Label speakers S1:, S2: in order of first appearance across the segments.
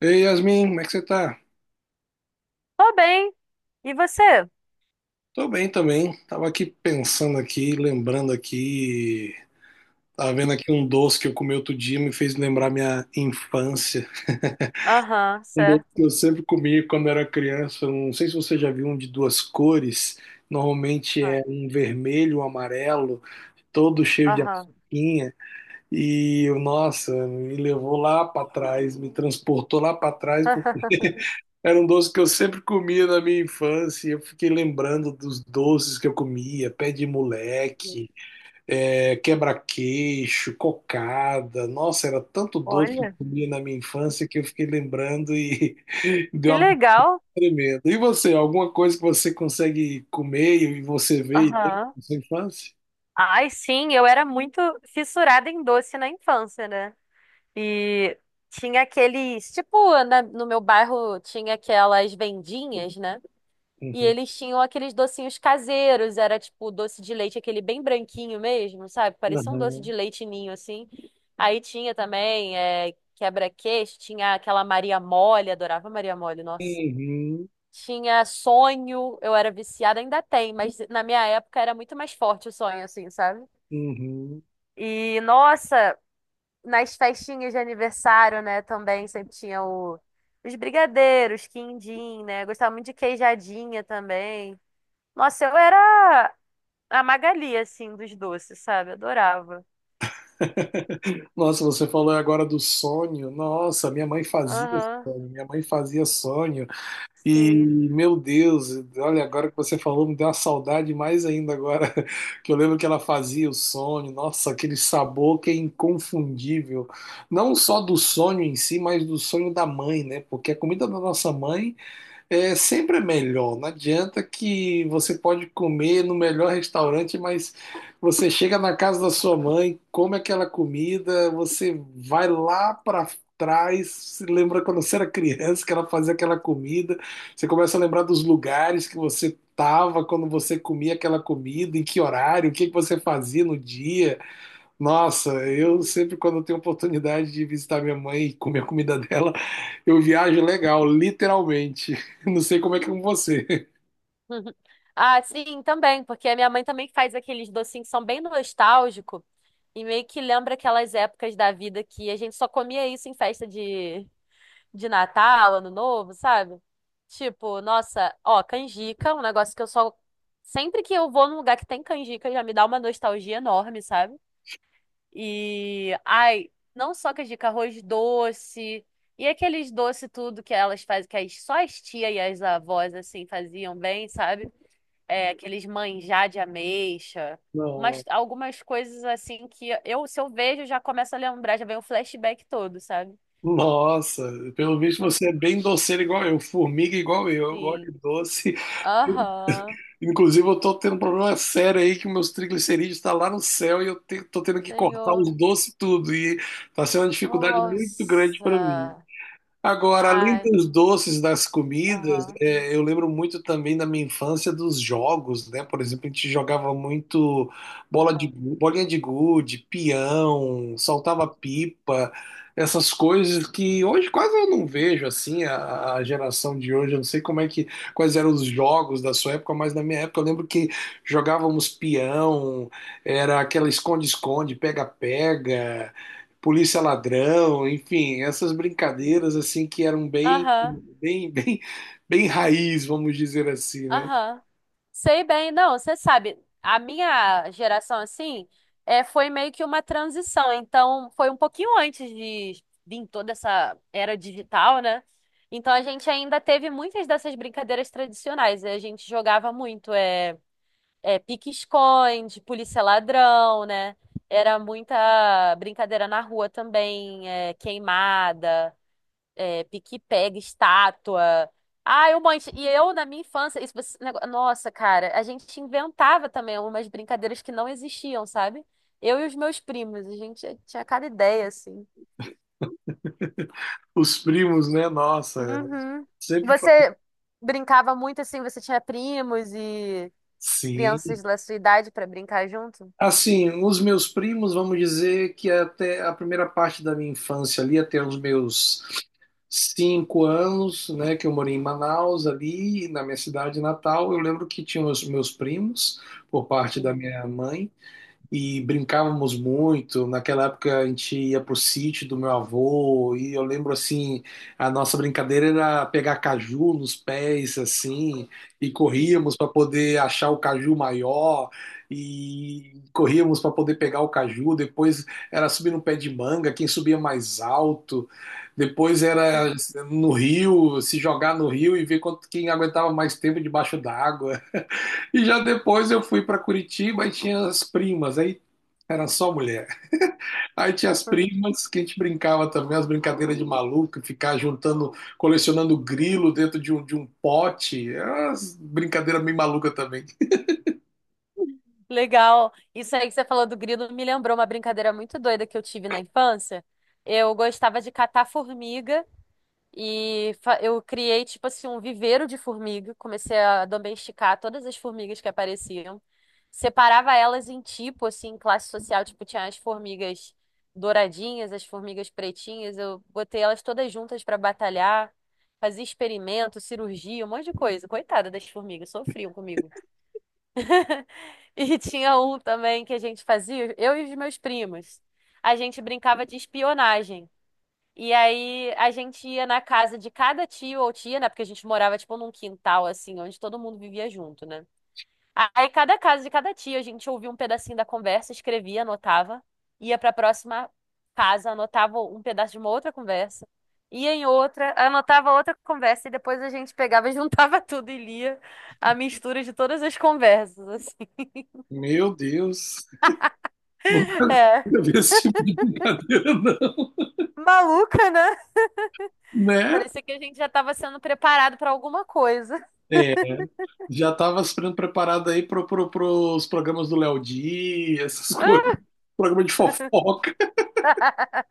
S1: Ei, Yasmin, como é que você tá?
S2: Tô bem. E você?
S1: Tô bem também. Tava aqui pensando aqui, lembrando aqui. Tava vendo aqui um doce que eu comi outro dia, me fez lembrar minha infância.
S2: Aham,
S1: Um doce que
S2: certo.
S1: eu sempre comi quando era criança. Não sei se você já viu um de duas cores. Normalmente
S2: Ah,
S1: é um vermelho, um amarelo, todo cheio de
S2: aham.
S1: açuquinha. E, nossa, me levou lá pra trás, me transportou lá pra trás. Era um doce que eu sempre comia na minha infância. E eu fiquei lembrando dos doces que eu comia, pé de moleque, quebra-queixo, cocada. Nossa, era tanto doce que eu
S2: Olha,
S1: comia na minha infância que eu fiquei lembrando e
S2: que
S1: deu uma
S2: legal.
S1: tremenda. E você, alguma coisa que você consegue comer e você vê e tem
S2: Aham.
S1: na sua infância?
S2: Ai, sim, eu era muito fissurada em doce na infância, né? E tinha aqueles, tipo, no meu bairro tinha aquelas vendinhas, né? E
S1: Uhum.
S2: eles tinham aqueles docinhos caseiros, era tipo doce de leite, aquele bem branquinho mesmo, sabe? Parecia um doce de
S1: Uhum.
S2: leite ninho, assim. Aí tinha também quebra-queixo, tinha aquela Maria Mole, adorava Maria Mole, nossa.
S1: Uhum.
S2: Tinha sonho, eu era viciada, ainda tem, mas na minha época era muito mais forte o sonho, assim, sabe?
S1: Uhum.
S2: E, nossa, nas festinhas de aniversário, né, também sempre tinha os brigadeiros, quindim, né? Eu gostava muito de queijadinha também. Nossa, eu era a Magali, assim, dos doces, sabe? Adorava.
S1: Nossa, você falou agora do sonho. Nossa, minha mãe fazia
S2: Aham,
S1: sonho. Minha mãe fazia sonho. E,
S2: sim.
S1: meu Deus, olha, agora que você falou, me deu uma saudade mais ainda agora, que eu lembro que ela fazia o sonho, nossa, aquele sabor que é inconfundível, não só do sonho em si, mas do sonho da mãe, né? Porque a comida da nossa mãe sempre é melhor. Não adianta que você pode comer no melhor restaurante, mas você chega na casa da sua mãe, come aquela comida, você vai lá para trás, se lembra quando você era criança que ela fazia aquela comida, você começa a lembrar dos lugares que você estava quando você comia aquela comida, em que horário, o que que você fazia no dia. Nossa, eu
S2: Uhum.
S1: sempre quando eu tenho oportunidade de visitar minha mãe e comer a comida dela, eu viajo legal, literalmente. Não sei como é que é com você.
S2: Ah, sim, também, porque a minha mãe também faz aqueles docinhos que são bem nostálgicos e meio que lembra aquelas épocas da vida que a gente só comia isso em festa de Natal, Ano Novo, sabe? Tipo, nossa, ó, canjica, é um negócio que eu só. Sempre que eu vou num lugar que tem canjica, já me dá uma nostalgia enorme, sabe? E, ai, não só que é dica, arroz doce. E aqueles doce tudo que elas fazem, que as, só as tias e as avós, assim, faziam bem, sabe? É, aqueles manjar de ameixa. Mas
S1: Não.
S2: algumas coisas, assim, que eu, se eu vejo, já começo a lembrar, já vem o flashback todo, sabe?
S1: Nossa, pelo visto você é bem doceiro igual eu, formiga igual eu gosto
S2: Sim.
S1: de doce.
S2: Aham.
S1: Inclusive eu tô tendo um problema sério aí que meus triglicerídeos tá lá no céu e eu tô tendo que cortar os
S2: Senhor.
S1: doces tudo e tá sendo uma dificuldade muito grande para mim.
S2: Nossa.
S1: Agora, além
S2: Ai.
S1: dos doces, das comidas,
S2: Aham.
S1: eu lembro muito também da minha infância dos jogos, né? Por exemplo, a gente jogava muito bola de,
S2: Aham.
S1: bolinha de gude, peão, saltava pipa, essas coisas que hoje quase eu não vejo assim, a geração de hoje, eu não sei quais eram os jogos da sua época, mas na minha época eu lembro que jogávamos peão, era aquela esconde-esconde, pega-pega, Polícia Ladrão, enfim, essas brincadeiras assim que eram
S2: Aham.
S1: bem, bem, bem raiz, vamos dizer assim, né?
S2: Aham. Sei bem, não, você sabe, a minha geração, assim, é, foi meio que uma transição, então foi um pouquinho antes de vir toda essa era digital, né? Então a gente ainda teve muitas dessas brincadeiras tradicionais, né? A gente jogava muito, é pique-esconde, polícia ladrão, né? Era muita brincadeira na rua também, é, queimada, é, pique-pega, estátua. Ah, eu monte. E eu, na minha infância, isso, nossa, cara, a gente inventava também umas brincadeiras que não existiam, sabe? Eu e os meus primos, a gente tinha cada ideia, assim.
S1: Os primos, né? Nossa,
S2: Uhum.
S1: sempre fa-
S2: Você brincava muito assim, você tinha primos e
S1: sim.
S2: crianças da sua idade pra brincar junto?
S1: Assim, os meus primos, vamos dizer que até a primeira parte da minha infância ali, até os meus 5 anos, né, que eu morei em Manaus, ali na minha cidade natal, eu lembro que tinha os meus primos, por parte da
S2: Uhum.
S1: minha mãe, e brincávamos muito. Naquela época a gente ia pro sítio do meu avô e eu lembro assim, a nossa brincadeira era pegar caju nos pés assim e
S2: Uhum.
S1: corríamos para poder achar o caju maior e corríamos para poder pegar o caju. Depois era subir no pé de manga, quem subia mais alto. Depois era no rio, se jogar no rio e ver quem aguentava mais tempo debaixo d'água. E já depois eu fui para Curitiba e tinha as primas, aí era só mulher. Aí tinha as
S2: Uhum.
S1: primas que a gente brincava também, as brincadeiras de maluco, ficar juntando, colecionando grilo dentro de um pote. Era umas brincadeiras meio maluca também.
S2: Legal. Isso aí que você falou do grilo me lembrou uma brincadeira muito doida que eu tive na infância. Eu gostava de catar formiga. Eu criei, tipo assim, um viveiro de formiga. Comecei a domesticar todas as formigas que apareciam. Separava elas em tipo, assim, classe social. Tipo, tinha as formigas douradinhas, as formigas pretinhas. Eu botei elas todas juntas para batalhar. Fazia experimento, cirurgia, um monte de coisa. Coitada das formigas, sofriam comigo. E tinha um também que a gente fazia, eu e os meus primos. A gente brincava de espionagem. E aí a gente ia na casa de cada tio ou tia, né? Porque a gente morava tipo num quintal assim, onde todo mundo vivia junto, né? Aí cada casa de cada tia a gente ouvia um pedacinho da conversa, escrevia, anotava, ia pra próxima casa, anotava um pedaço de uma outra conversa, ia em outra, anotava outra conversa e depois a gente pegava, e juntava tudo e lia a mistura de todas as conversas, assim.
S1: Meu Deus,
S2: É.
S1: não vi esse tipo de brincadeira, não.
S2: Maluca, né?
S1: Né?
S2: Parecia que a gente já estava sendo preparado pra alguma coisa.
S1: É, já estava sendo preparado aí pro os programas do Léo Dias, essas coisas. Programa de fofoca.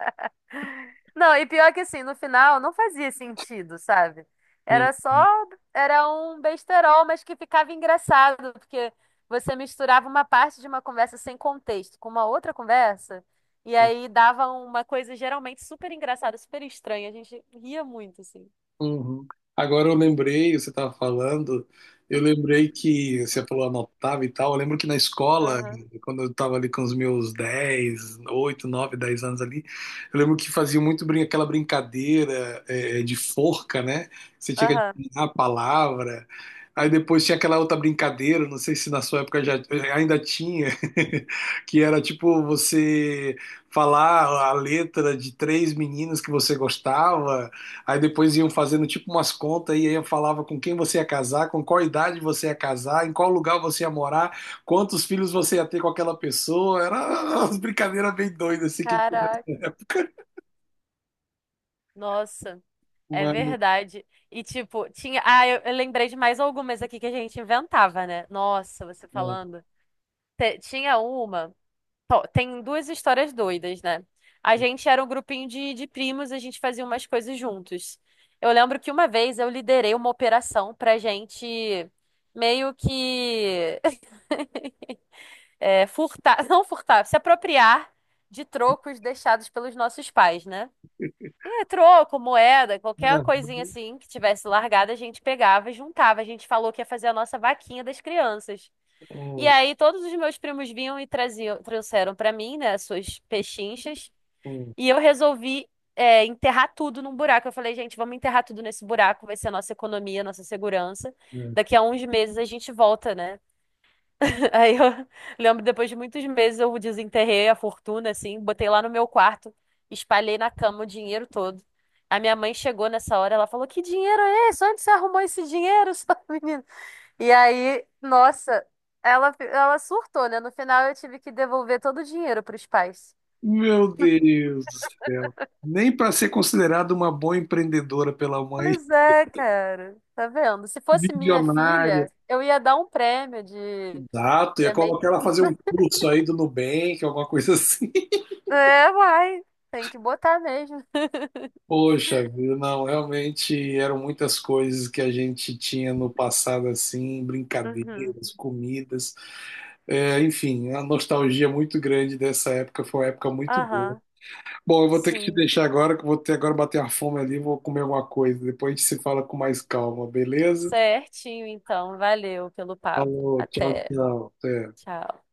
S2: Não, e pior que assim, no final não fazia sentido, sabe?
S1: Hum.
S2: Era só, era um besterol, mas que ficava engraçado, porque você misturava uma parte de uma conversa sem contexto com uma outra conversa, e aí dava uma coisa geralmente super engraçada, super estranha. A gente ria muito, assim.
S1: Uhum. Agora eu lembrei, você estava falando, eu lembrei que você falou anotava e tal. Eu lembro que na escola,
S2: Aham,
S1: quando eu estava ali com os meus 10 8 9 10 anos ali, eu lembro que fazia muito brin aquela brincadeira de forca, né? Você tinha que
S2: aham.
S1: adivinhar a palavra. Aí depois tinha aquela outra brincadeira, não sei se na sua época já ainda tinha, que era tipo você falar a letra de três meninas que você gostava. Aí depois iam fazendo tipo umas contas e aí falava com quem você ia casar, com qual idade você ia casar, em qual lugar você ia morar, quantos filhos você ia ter com aquela pessoa. Era umas brincadeiras bem doidas assim que tinha
S2: Caraca.
S1: nessa época.
S2: Nossa, é
S1: Mas,
S2: verdade. E tipo, tinha. Ah, eu lembrei de mais algumas aqui que a gente inventava, né? Nossa, você
S1: ah,
S2: falando. Tinha uma. Tem duas histórias doidas, né? A gente era um grupinho de primos, a gente fazia umas coisas juntos. Eu lembro que uma vez eu liderei uma operação pra gente meio que é, furtar, não furtar, se apropriar de trocos deixados pelos nossos pais, né? E é troco, moeda, qualquer
S1: ah,
S2: coisinha assim que tivesse largada, a gente pegava e juntava. A gente falou que ia fazer a nossa vaquinha das crianças. E
S1: ah,
S2: aí todos os meus primos vinham e traziam, trouxeram para mim, né, as suas pechinchas. E eu resolvi, é, enterrar tudo num buraco. Eu falei, gente, vamos enterrar tudo nesse buraco, vai ser a nossa economia, a nossa segurança.
S1: ah.
S2: Daqui a uns meses a gente volta, né? Aí eu lembro, depois de muitos meses, eu desenterrei a fortuna, assim, botei lá no meu quarto, espalhei na cama o dinheiro todo. A minha mãe chegou nessa hora, ela falou: Que dinheiro é esse? Onde você arrumou esse dinheiro, sua menina? E aí, nossa, ela surtou, né? No final eu tive que devolver todo o dinheiro para os pais.
S1: Meu Deus do céu. Nem para ser considerada uma boa empreendedora pela mãe,
S2: Pois é, cara. Tá vendo? Se fosse minha
S1: bilionária.
S2: filha, eu ia dar um prêmio de.
S1: Exato, ia
S2: É,
S1: colocar ela a fazer um curso aí do Nubank, alguma coisa assim.
S2: é, vai. Tem que botar mesmo.
S1: Poxa vida, não, realmente eram muitas coisas que a gente tinha no passado, assim,
S2: Uhum.
S1: brincadeiras, comidas, enfim, a nostalgia muito grande dessa época, foi uma época muito boa.
S2: Aham.
S1: Bom, eu vou ter que te
S2: Sim.
S1: deixar agora, que eu vou ter agora bater a fome ali, vou comer alguma coisa, depois a gente se fala com mais calma, beleza?
S2: Certinho, então. Valeu pelo papo.
S1: Falou, tchau,
S2: Até.
S1: tchau, até.
S2: Tchau.